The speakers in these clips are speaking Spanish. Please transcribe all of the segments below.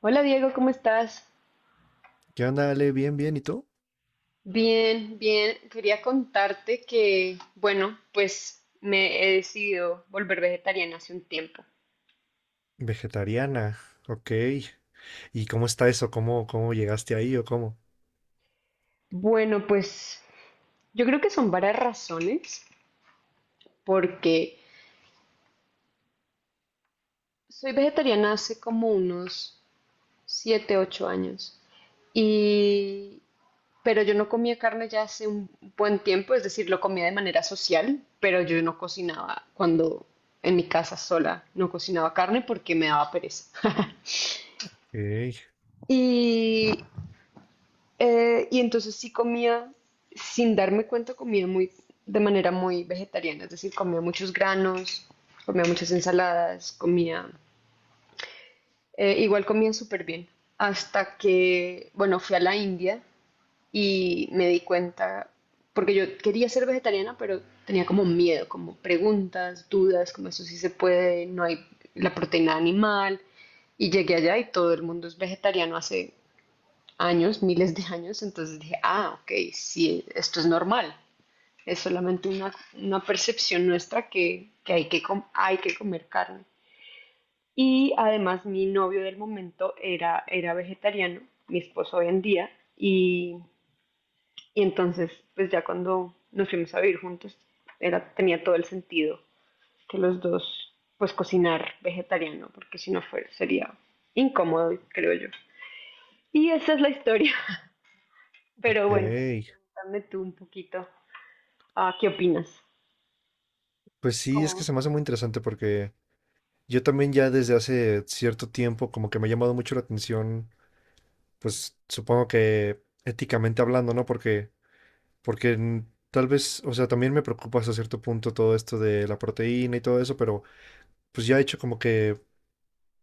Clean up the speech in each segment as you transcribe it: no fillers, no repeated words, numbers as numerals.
Hola Diego, ¿cómo estás? ¿Qué onda, Ale? Bien, bien, ¿y tú? Bien, bien. Quería contarte que, bueno, pues me he decidido volver vegetariana hace un tiempo. Vegetariana, ok. ¿Y cómo está eso? ¿¿Cómo llegaste ahí o cómo? Bueno, pues yo creo que son varias razones, porque soy vegetariana hace como unos 7, 8 años, y, pero yo no comía carne ya hace un buen tiempo, es decir, lo comía de manera social, pero yo no cocinaba cuando en mi casa sola, no cocinaba carne porque me daba pereza. Ok, Y, y entonces sí comía, sin darme cuenta, de manera muy vegetariana, es decir, comía muchos granos, comía muchas ensaladas, igual comía súper bien, hasta que, bueno, fui a la India y me di cuenta, porque yo quería ser vegetariana, pero tenía como miedo, como preguntas, dudas, como eso sí se puede, no hay la proteína animal, y llegué allá y todo el mundo es vegetariano hace años, miles de años, entonces dije, ah, ok, sí, esto es normal, es solamente una percepción nuestra que hay que comer carne. Y además mi novio del momento era vegetariano, mi esposo hoy en día, y, y entonces pues ya cuando nos fuimos a vivir juntos tenía todo el sentido que los dos pues cocinar vegetariano, porque si no sería incómodo, creo yo. Y esa es la historia. Pero bueno, ok. cuéntame tú un poquito, ¿qué opinas? Pues sí, es que se ¿Cómo? me hace muy interesante porque yo también ya desde hace cierto tiempo como que me ha llamado mucho la atención, pues supongo que éticamente hablando, ¿no? Porque tal vez, o sea, también me preocupa hasta cierto punto todo esto de la proteína y todo eso, pero pues ya he hecho como que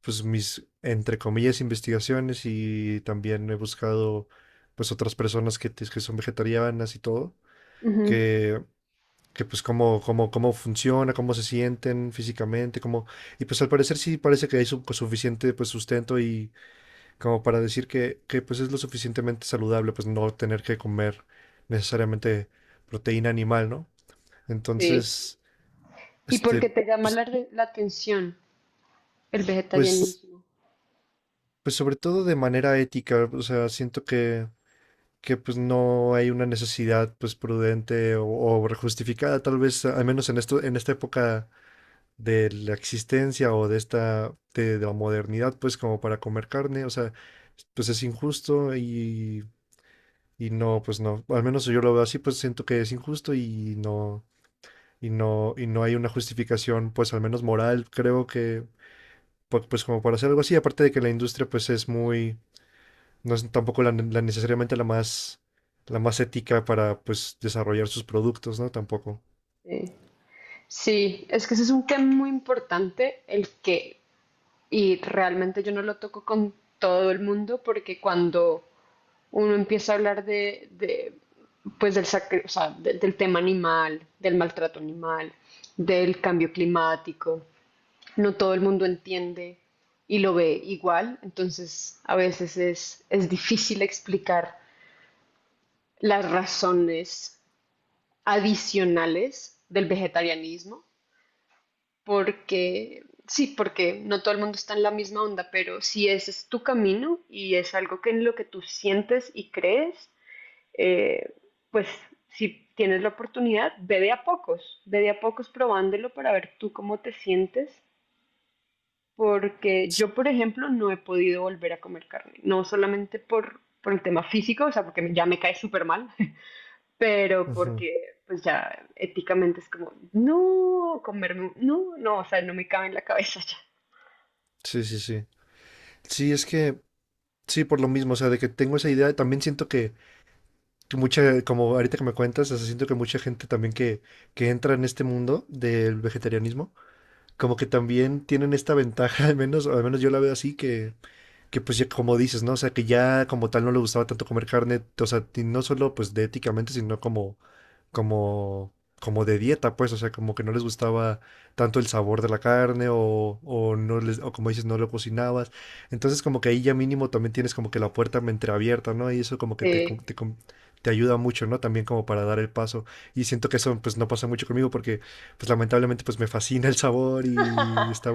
pues mis, entre comillas, investigaciones y también he buscado pues otras personas que son vegetarianas y todo, Ujú. que, que pues cómo funciona, cómo se sienten físicamente, cómo, y pues al parecer sí parece que hay suficiente pues sustento y como para decir que pues es lo suficientemente saludable pues no tener que comer necesariamente proteína animal, ¿no? Sí. Entonces, ¿Y por qué este, te llama pues, la atención el pues, vegetarianismo? pues sobre todo de manera ética, o sea, siento que pues no hay una necesidad pues prudente o justificada, tal vez, al menos en esto, en esta época de la existencia o de esta, de la modernidad, pues como para comer carne, o sea, pues es injusto y no, pues no, al menos yo lo veo así, pues siento que es injusto y no, y no hay una justificación, pues al menos moral, creo que, pues como para hacer algo así, aparte de que la industria pues es muy no es tampoco la necesariamente la más ética para pues desarrollar sus productos, ¿no? Tampoco. Sí. Sí, es que ese es un tema muy importante, y realmente yo no lo toco con todo el mundo, porque cuando uno empieza a hablar pues o sea, del tema animal, del maltrato animal, del cambio climático, no todo el mundo entiende y lo ve igual, entonces a veces es difícil explicar las razones adicionales del vegetarianismo, porque sí, porque no todo el mundo está en la misma onda, pero si ese es tu camino y es algo que en lo que tú sientes y crees, eh, pues si tienes la oportunidad, ve de a pocos, ve de a pocos probándolo para ver tú cómo te sientes porque yo, por ejemplo, no he podido volver a comer carne, no solamente por el tema físico, o sea, porque ya me cae súper mal, pero Ujú. porque pues ya éticamente es como, no, comerme, no, no, no, o sea, no me cabe en la cabeza ya. Sí, sí, sí. Sí, es que, sí, por lo mismo, o sea, de que tengo esa idea, también siento que mucha, como ahorita que me cuentas, o sea, siento que mucha gente también que entra en este mundo del vegetarianismo, como que también tienen esta ventaja, al menos, o al menos yo la veo así, que pues ya como dices, ¿no? O sea, que ya como tal no le gustaba tanto comer carne, o sea, y no solo pues de éticamente, sino como como, como de dieta, pues, o sea, como que no les gustaba tanto el sabor de la carne o no les, o como dices, no lo cocinabas. Entonces, como que ahí ya mínimo también tienes como que la puerta entreabierta, ¿no? Y eso como que Eh, te ayuda mucho, ¿no? También como para dar el paso. Y siento que eso pues no pasa mucho conmigo porque pues lamentablemente pues me fascina el sabor y está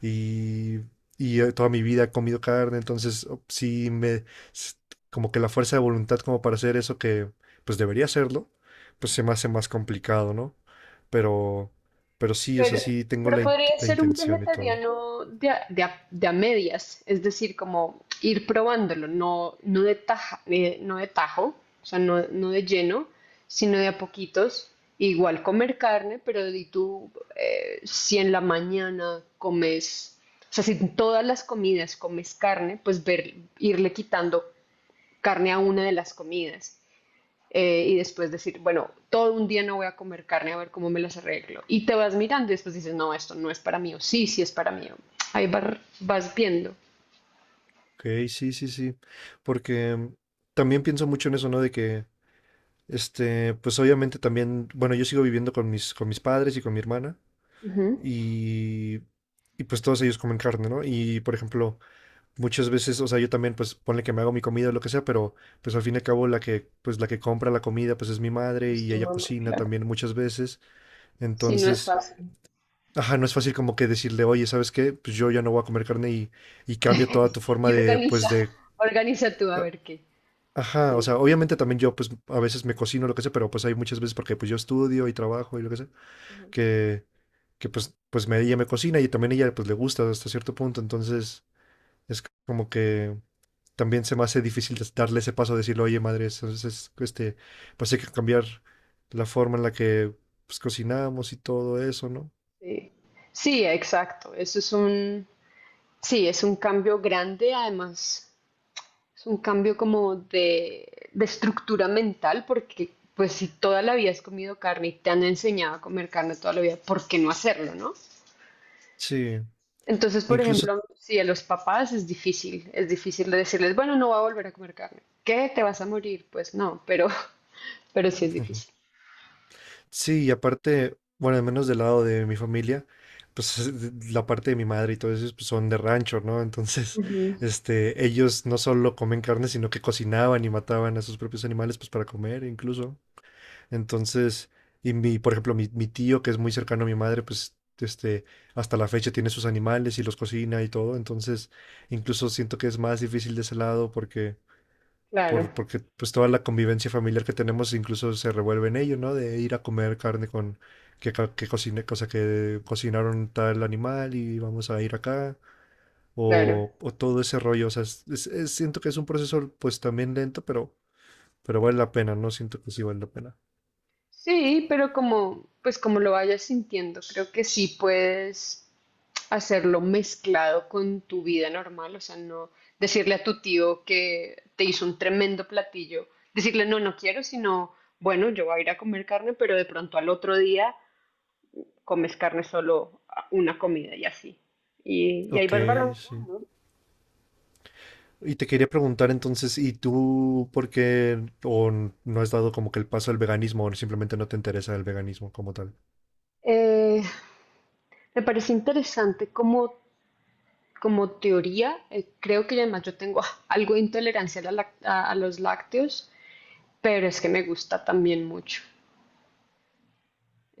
y y toda mi vida he comido carne, entonces sí me s- como que la fuerza de voluntad como para hacer eso que pues debería hacerlo, pues se me hace más complicado, ¿no? Pero, pero sí, o sea, Pero, sí tengo pero podría la ser un intención y todo. vegetariano de a medias, es decir, como ir probándolo, no, no de tajo, o sea, no, no de lleno, sino de a poquitos. Igual comer carne, pero di tú, si en la mañana comes, o sea, si en todas las comidas comes carne, irle quitando carne a una de las comidas y después decir, bueno, todo un día no voy a comer carne a ver cómo me las arreglo. Y te vas mirando y después dices, no, esto no es para mí, o sí, sí es para mí. Ahí vas viendo. Ok, sí, sí, sí. Porque también pienso mucho en eso, ¿no? De que, este, pues obviamente también, bueno, yo sigo viviendo con mis padres y con mi hermana Ujú. y, y pues todos ellos comen carne, ¿no? Y, por ejemplo, muchas veces, o sea, yo también, pues ponle que me hago mi comida o lo que sea, pero pues al fin y al cabo la que, pues la que compra la comida, pues es mi madre Es y tu ella mamá, cocina claro. también muchas veces. Sí, no es Entonces, fácil. ajá, no es fácil como que decirle, oye, ¿sabes qué? Pues yo ya no voy a comer carne y cambia toda tu forma Y de, organiza, pues de... organiza tú a a- ver qué. ajá, o Sí. sea, obviamente también yo pues a veces me cocino lo que sea, pero pues hay muchas veces porque pues yo estudio y trabajo y lo que sea, Ujú. que, que pues, pues me, ella me cocina y también ella pues le gusta hasta cierto punto, entonces es como que también se me hace difícil darle ese paso de decirle, oye, madre, entonces este, pues hay que cambiar la forma en la que pues cocinamos y todo eso, ¿no? Sí, sí, exacto. Sí, es un cambio grande, además. Es un cambio como de estructura mental, porque pues si toda la vida has comido carne y te han enseñado a comer carne toda la vida, ¿por qué no hacerlo, no? Sí, Entonces, por incluso... ejemplo, si a los papás es difícil de decirles, bueno, no va a volver a comer carne. ¿Qué? ¿Te vas a morir? Pues no, pero, pero sí es difícil. Sí, y aparte, bueno, al menos del lado de mi familia, pues la parte de mi madre y todo eso pues, son de rancho, ¿no? Entonces, Ujú. este, ellos no solo comen carne, sino que cocinaban y mataban a sus propios animales, pues para comer incluso. Entonces, y mi, por ejemplo, mi tío, que es muy cercano a mi madre, pues, este, hasta la fecha tiene sus animales y los cocina y todo. Entonces, incluso siento que es más difícil de ese lado porque Claro, porque pues toda la convivencia familiar que tenemos incluso se revuelve en ello, ¿no? De ir a comer carne con que, que cocine, cosa que cocinaron tal animal y vamos a ir acá, claro. O todo ese rollo, o sea, siento que es un proceso pues también lento, pero vale la pena, ¿no? Siento que sí vale la pena. Sí, pero pues como lo vayas sintiendo, creo que sí puedes hacerlo mezclado con tu vida normal, o sea, no decirle a tu tío que te hizo un tremendo platillo, decirle no, no quiero, sino, bueno, yo voy a ir a comer carne, pero de pronto al otro día comes carne solo una comida y así. Y ahí Ok, vas sí. balanceando. Y te quería preguntar entonces, ¿y tú por qué o no has dado como que el paso al veganismo o simplemente no te interesa el veganismo como tal? Eh, Me parece interesante cómo como teoría, creo que además yo tengo algo de intolerancia a, la lac- a los lácteos, pero es que me gusta también mucho.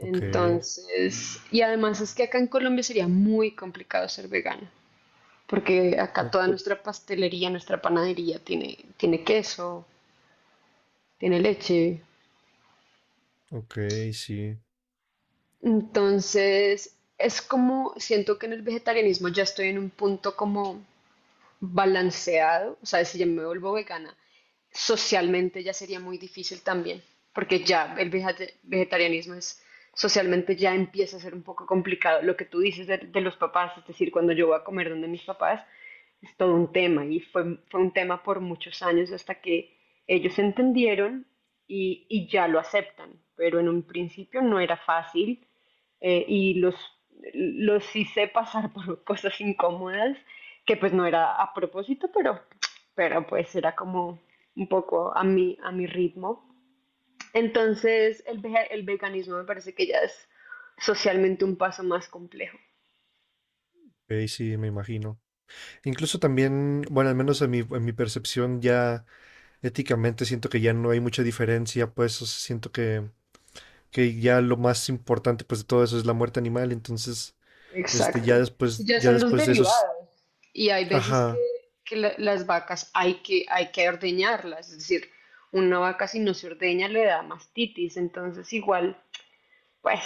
Ok, y además es que acá en Colombia sería muy complicado ser vegano, porque acá o- toda nuestra pastelería, nuestra panadería tiene queso, tiene leche. ok, sí. Entonces, es como, siento que en el vegetarianismo ya estoy en un punto como balanceado, o sea, si yo me vuelvo vegana, socialmente ya sería muy difícil también, porque ya el vegetarianismo es socialmente ya empieza a ser un poco complicado. Lo que tú dices de los papás, es decir, cuando yo voy a comer donde mis papás, es todo un tema y fue un tema por muchos años hasta que ellos entendieron y ya lo aceptan, pero en un principio no era fácil y los hice pasar por cosas incómodas que pues no era a propósito, pero pues era como un poco a mi ritmo. Entonces el veganismo me parece que ya es socialmente un paso más complejo. Ok, sí, me imagino. Incluso también, bueno, al menos en mi percepción ya éticamente siento que ya no hay mucha diferencia, pues o sea, siento que ya lo más importante pues de todo eso es la muerte animal, entonces, este, Exacto. Sí, ya ya son los después de eso, derivados. Y hay veces que, ajá, que las vacas hay que ordeñarlas, es decir, una vaca si no se ordeña le da mastitis, entonces igual. Pues,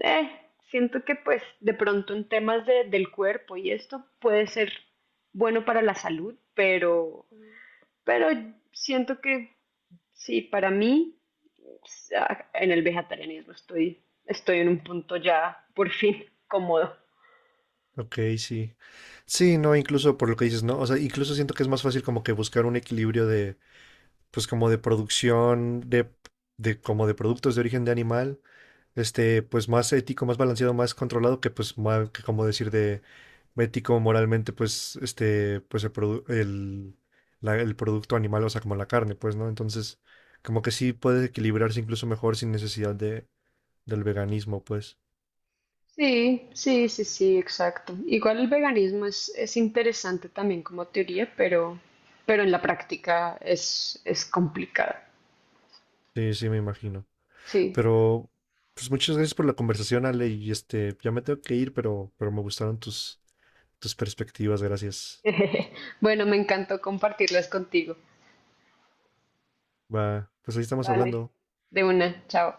eh, siento que pues de pronto en temas del cuerpo y esto puede ser bueno para la salud, pero siento que sí, para mí en el vegetarianismo estoy en un punto ya por fin cómodo. ok, sí. Sí, no, incluso por lo que dices, ¿no? O sea, incluso siento que es más fácil como que buscar un equilibrio de, pues como de producción, de como de productos de origen de animal, este, pues más ético, más balanceado, más controlado que pues, que como decir de ético, moralmente, pues, este, pues el, el, el producto animal, o sea, como la carne, pues, ¿no? Entonces, como que sí puede equilibrarse incluso mejor sin necesidad de, del veganismo, pues. Sí, sí, sí, sí, exacto. Igual el veganismo es interesante también como teoría, pero en la práctica es complicada. Sí, sí, me imagino. Sí. Pero, pues muchas gracias por la conversación, Ale, y este, ya me tengo que ir, pero me gustaron tus, tus perspectivas, gracias. Bueno, me encantó compartirlas contigo. Va, pues ahí estamos Vale, hablando. de una, chao.